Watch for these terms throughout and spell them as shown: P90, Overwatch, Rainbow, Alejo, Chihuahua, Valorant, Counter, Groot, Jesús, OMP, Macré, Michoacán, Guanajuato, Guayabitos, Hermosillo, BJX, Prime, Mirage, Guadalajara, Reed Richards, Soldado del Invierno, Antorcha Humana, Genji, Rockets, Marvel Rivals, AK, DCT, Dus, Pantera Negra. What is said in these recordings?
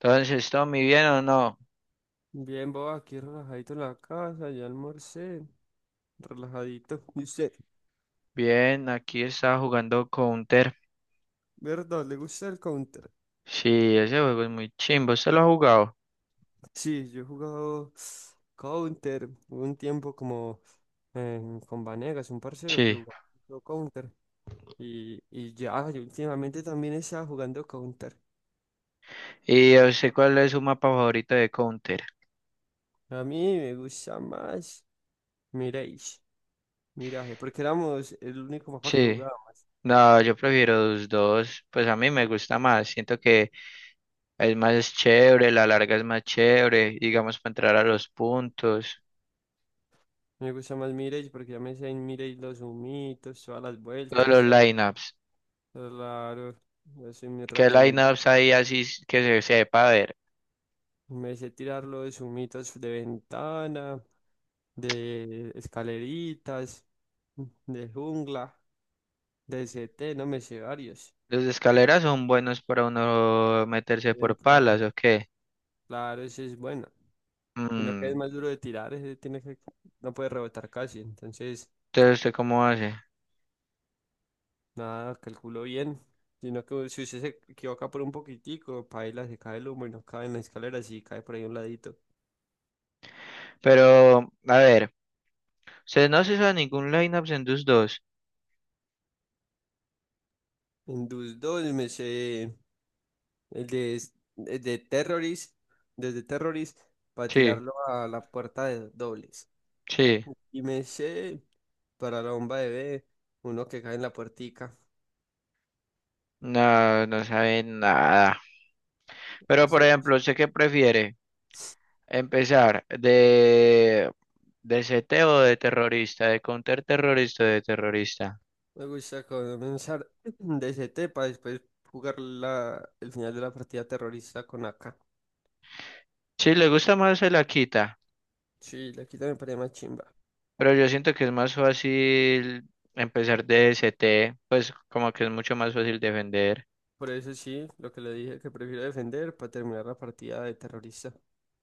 Entonces, ¿Tommy bien o no? Bien, vos aquí relajadito en la casa, ya almorcé, relajadito. Y usted, Bien, aquí estaba jugando Counter. ¿verdad? ¿Le gusta el Counter? Sí, ese juego es muy chimbo. ¿Usted lo ha jugado? Sí, yo he jugado Counter. Hubo un tiempo como eh, con Vanegas, un parcero que Sí. jugaba mucho Counter. Y ya, yo últimamente también estaba jugando Counter. ¿Y yo sé cuál es su mapa favorito de Counter? A mí me gusta más Mirage, Mirage, porque éramos el único mapa que Sí. jugaba. No, yo prefiero los dos. Pues a mí me gusta más. Siento que es más chévere, la larga es más chévere, digamos, para entrar a los puntos. Me gusta más Mirage porque ya me sé en Mirage los humitos, todas las Todos los vueltas. lineups. Claro, ese me ¿Qué ratón lineups hay así que se sepa, a ver? me sé tirarlo de sumitos de ventana, de escaleritas, de jungla, de CT, no me sé varios. ¿Los de escaleras son buenos para uno meterse En por plan, palas o qué? claro, ese es bueno. Y lo que es Mm. más duro de tirar, ese tiene que, no puede rebotar casi. Entonces, Entonces, ¿usted cómo hace? nada, calculo bien. Sino que si usted se equivoca por un poquitico, paila, se cae el humo y no cae en la escalera, si cae por ahí a un ladito. Pero, a ver, ¿usted no se hizo ningún lineup en DUS dos? En Dus 2 me sé. El de Terrorist, desde Terrorist, para Sí, tirarlo a la puerta de dobles. sí. Y me sé para la bomba de B, uno que cae en la puertica. No, no sabe nada. No Pero, por sé, ejemplo, ¿usted qué prefiere? ¿Empezar de CT o de terrorista? ¿De counterterrorista o de terrorista? me gusta comenzar DCT para después jugar el final de la partida terrorista con AK. Sí, le gusta más se la quita, Sí, la quita me parece más chimba. pero yo siento que es más fácil empezar de CT, pues como que es mucho más fácil defender. Por eso sí, lo que le dije que prefiero defender para terminar la partida de terrorista.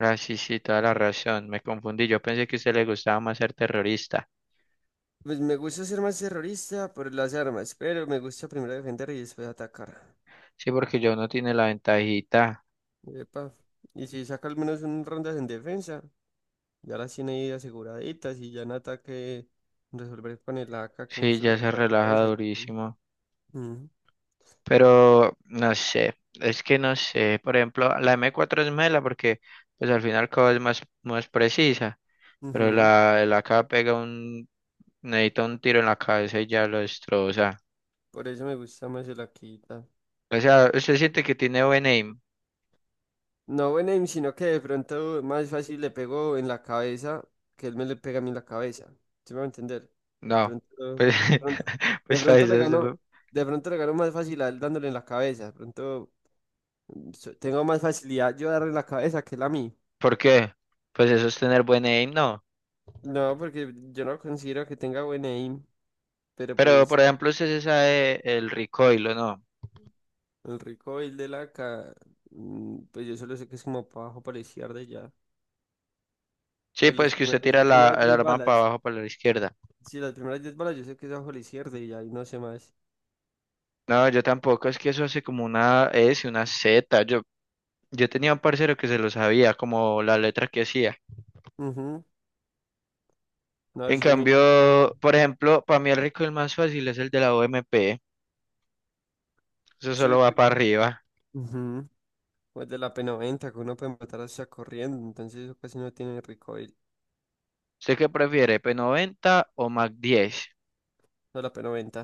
Ah, sí, sí, toda la razón, me confundí, yo pensé que a usted le gustaba más ser terrorista. Pues me gusta ser más terrorista por las armas, pero me gusta primero defender y después atacar. Sí, porque ya uno tiene la ventajita. Epa. Y si saca al menos unas rondas en defensa, ya las tiene ahí aseguraditas y ya en ataque resolver con el AK que un Sí, solo ya se tiro a la relaja cabeza y pum. durísimo. Ujú, Pero no sé, es que no sé. Por ejemplo, la M4 es mela porque pues al final cada es más, más precisa. Pero ujú. el AK pega necesita un tiro en la cabeza y ya lo destroza. Por eso me gusta más el Akita. O sea, usted siente que tiene buen aim. No buen aim, sino que de pronto más fácil le pego en la cabeza que él me le pega a mí en la cabeza. ¿Sí me va a entender? De No, pues, pronto, de pronto, de pues para pronto eso le es- gano, de pronto le gano más fácil a él dándole en la cabeza. De pronto tengo más facilidad yo darle en la cabeza que él a mí. ¿Por qué? Pues eso es tener buen aim, no. No, porque yo no considero que tenga buen aim, pero Pero por pues ejemplo, usted se sabe el recoil, ¿o no? el recoil de la K, mm, pues yo solo sé que es como para abajo, para la izquierda y ya. Sí, Pues los pues que usted tira las la, primeras el 10 arma para balas, abajo, para la izquierda. sí, las primeras 10 balas yo sé que es abajo a la izquierda y ya, y no sé más. No, yo tampoco, es que eso hace como una S, una Z. Yo tenía un parcero que se lo sabía, como la letra que hacía. Ujú, no, En eso es muy... cambio, por ejemplo, para mí el rico el más fácil es el de la OMP. Eso Sí, solo va para arriba. ujú, pues de la P90, que uno puede matar hasta corriendo, entonces eso casi no tiene recoil, ¿Usted qué prefiere, P90 o Mac 10? no la P90.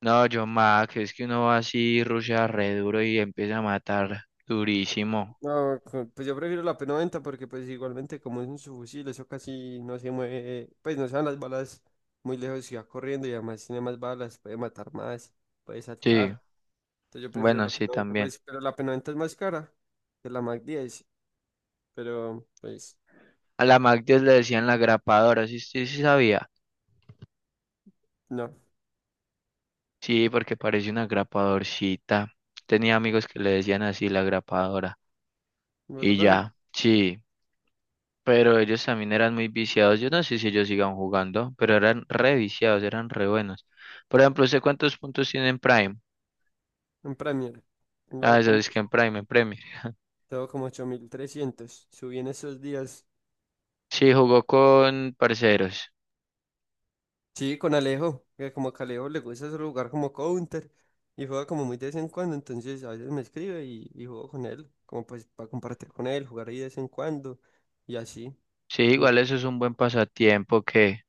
No, yo Mac, es que uno va así, rushea re duro y empieza a matar durísimo. No, pues yo prefiero la P90 porque pues igualmente como es un subfusil, eso casi no se mueve, pues no se van las balas muy lejos y va corriendo y además tiene más balas, puede matar más, puede Sí, saltar. Entonces yo prefiero bueno, la sí, P90, también. pues, pero la P90 es más cara que la Mac 10, pero pues A la Mac 10 le decían la grapadora, sí, sí, sí sabía. no, Sí, porque parece una grapadorcita. Tenía amigos que le decían así la grapadora. Y ¿verdad? ya, sí. Pero ellos también eran muy viciados. Yo no sé si ellos sigan jugando, pero eran re viciados, eran re buenos. Por ejemplo, ¿usted cuántos puntos tiene en Prime? En Premier, Ah, tengo eso como, es que en Prime, en Premier. tengo como 8.300 subí en esos días. Sí, jugó con parceros. Sí, con Alejo, que como que a Alejo le gusta ese lugar como counter y juega como muy de vez en cuando, entonces a veces me escribe y juego con él, como pues para compartir con él, jugar ahí de vez en cuando y así. Sí, Y igual eso es un buen pasatiempo que,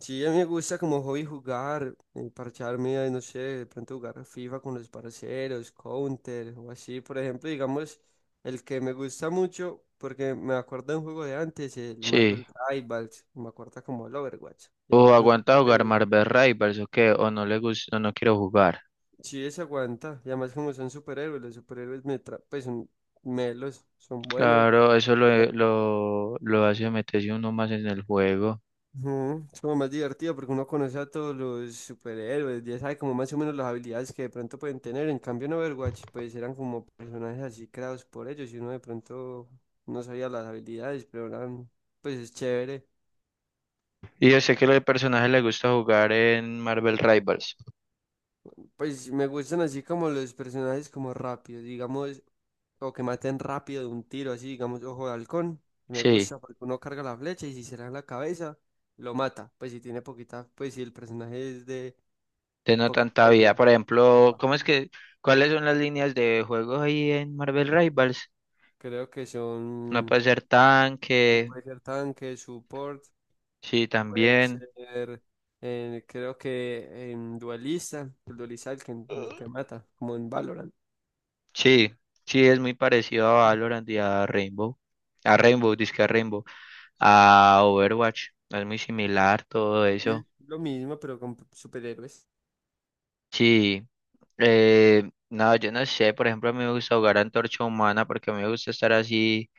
sí, a mí me gusta como hobby jugar, parcharme, no sé, de pronto jugar FIFA con los parceros, counter o así. Por ejemplo, digamos, el que me gusta mucho, porque me acuerdo de un juego de antes, el sí. Marvel Rivals, me acuerdo como el Overwatch, y O además son aguanta jugar Marvel Rivals o qué, o no le gusta, o no quiero jugar. sí, se aguanta. Y además como son superhéroes, los superhéroes pues son melos, son buenos. Claro, eso lo hace meterse uno más en el juego. Ujú, es como más divertido porque uno conoce a todos los superhéroes, ya sabe como más o menos las habilidades que de pronto pueden tener. En cambio en Overwatch pues eran como personajes así creados por ellos y uno de pronto no sabía las habilidades, pero eran pues es chévere. Y yo sé que los personajes le gusta jugar en Marvel Rivals. Pues me gustan así como los personajes como rápidos, digamos o que maten rápido de un tiro, así, digamos, ojo de halcón. Me Sí, gusta porque uno carga la flecha y si se le da en la cabeza, lo mata. Pues si tiene poquita, pues si el personaje es de de no tanta poquita vida. vida. Por ejemplo, Epa. ¿cómo es que, cuáles son las líneas de juego ahí en Marvel Rivals? Creo que No son, puede ser no tanque, puede ser tanque, support, sí, puede también. ser, creo que en duelista, el duelista el que mata, como en Valorant. Sí, sí, es muy parecido a Valorant y a Rainbow. A Rainbow, disque a Rainbow. A Overwatch, es muy similar todo Sí, eso. lo mismo, pero con superhéroes. Sí. No, yo no sé, por ejemplo, a mí me gusta jugar a Antorcha Humana porque a mí me gusta estar así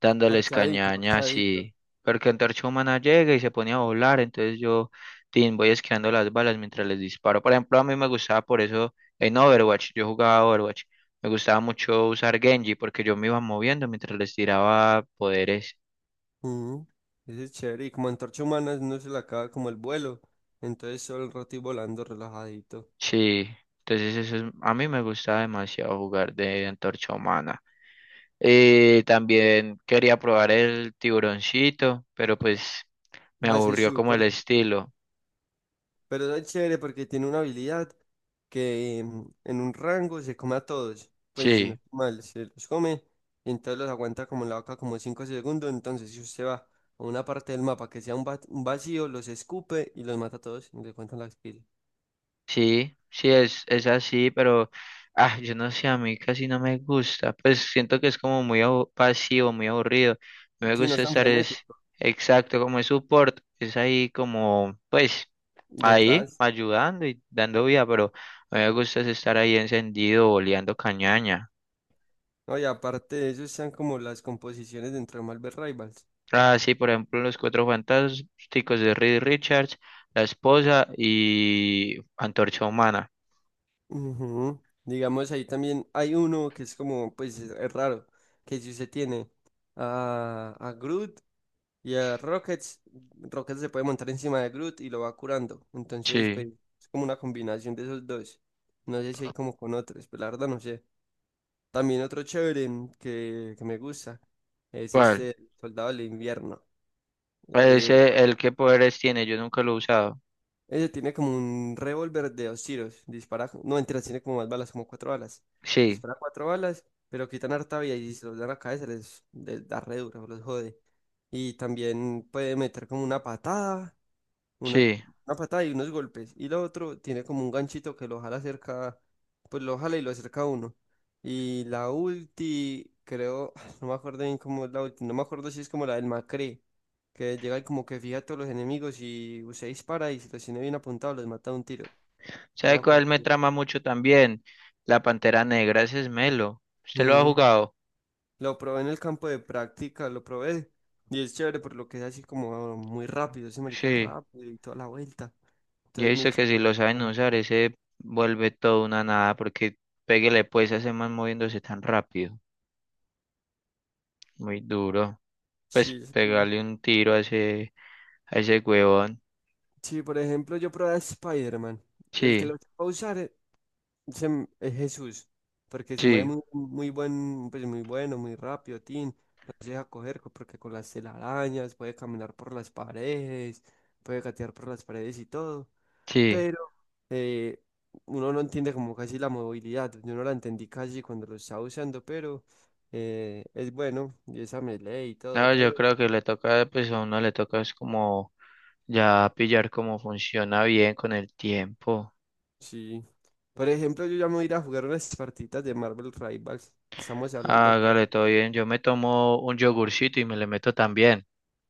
dándoles Parchadito, cañaña parchadito. así, porque Antorcha Humana llega y se pone a volar, entonces yo tin, voy esquivando las balas mientras les disparo. Por ejemplo, a mí me gustaba por eso en Overwatch, yo jugaba Overwatch, me gustaba mucho usar Genji porque yo me iba moviendo mientras les tiraba poderes. Mm, ese es chévere. Y como antorcha humana no se le acaba como el vuelo. Entonces solo el rato y volando relajadito. Sí, entonces eso. A mí me gustaba demasiado jugar de Antorcha Humana. Y también quería probar el tiburoncito, pero pues me Hace aburrió su como el corto. estilo. Pero es chévere porque tiene una habilidad que mm, en un rango se come a todos. Pues si no Sí, estoy mal, se los come. Y entonces los aguanta como la boca como 5 segundos. Entonces si usted va a una parte del mapa que sea un vacío, los escupe y los mata a todos. Y le cuentan las pilas. sí, sí, es así, pero yo no sé, a mí casi no me gusta. Pues siento que es como muy pasivo, muy aburrido. No me Si no gusta es tan estar es frenético. exacto como es support, es ahí como, pues, ahí Detrás. ayudando y dando vida, pero a mí me gusta es estar ahí encendido, oleando cañaña. No, y aparte de eso están como las composiciones dentro de Marvel Rivals. Ah, sí, por ejemplo, Los Cuatro Fantásticos de Reed Richards, La Esposa y Antorcha Humana. Ujú. Digamos, ahí también hay uno que es como, pues es raro, que si usted tiene a Groot y a Rockets, Rockets se puede montar encima de Groot y lo va curando. Entonces, pues Sí. es como una combinación de esos dos. No sé si hay como con otros, pero la verdad no sé. También otro chévere que me gusta es ¿Cuál? este Soldado del Invierno. Ese, el que poderes tiene, yo nunca lo he usado. Ella tiene como un revólver de dos tiros. Dispara, no, mentira, tiene como más balas, como cuatro balas. Sí, Dispara cuatro balas, pero quitan harta vida y se los dan a la cabeza, les da re duro, los jode. Y también puede meter como una patada una, sí. una patada y unos golpes. Y lo otro tiene como un ganchito que lo jala cerca, pues lo jala y lo acerca a uno. Y la ulti, creo, no me acuerdo bien cómo es la ulti, no me acuerdo si es como la del Macré, que llega y como que fija a todos los enemigos y usted dispara y si los tiene bien apuntados los mata de un tiro. No me ¿Sabe cuál acuerdo me bien. trama mucho también? La Pantera Negra, ese es Melo. ¿Usted lo ha Mm, jugado? lo probé en el campo de práctica, lo probé. Y es chévere por lo que es así como muy rápido, ese marica es Sí. rápido y toda la vuelta. Yo he Entonces muy visto que si chévere. lo saben Como, usar, ese vuelve todo una nada, porque pégale pues a ese man moviéndose tan rápido. Muy duro. Pues sí, pegarle un tiro a ese huevón. sí, por ejemplo, yo probé a Spider-Man. El que lo Sí, va a usar es Jesús, porque se mueve sí, muy, muy buen, pues muy bueno, muy rápido, tin. No se deja coger porque con las telarañas puede caminar por las paredes, puede gatear por las paredes y todo. sí. Pero eh, uno no entiende como casi la movilidad. Yo no la entendí casi cuando lo estaba usando, pero es bueno, y esa melee y todo, No, yo pero. creo que le toca, pues a uno le toca es como ya pillar cómo funciona bien con el tiempo. Sí. Por ejemplo, yo ya me voy a ir a jugar unas partitas de Marvel Rivals. Estamos hablando, pues. Hágale todo bien. Yo me tomo un yogurcito y me le meto también.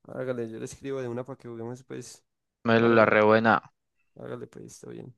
Hágale, yo le escribo de una para que juguemos, pues. Me lo la Marvel, rebuena. hágale, pues, está bien.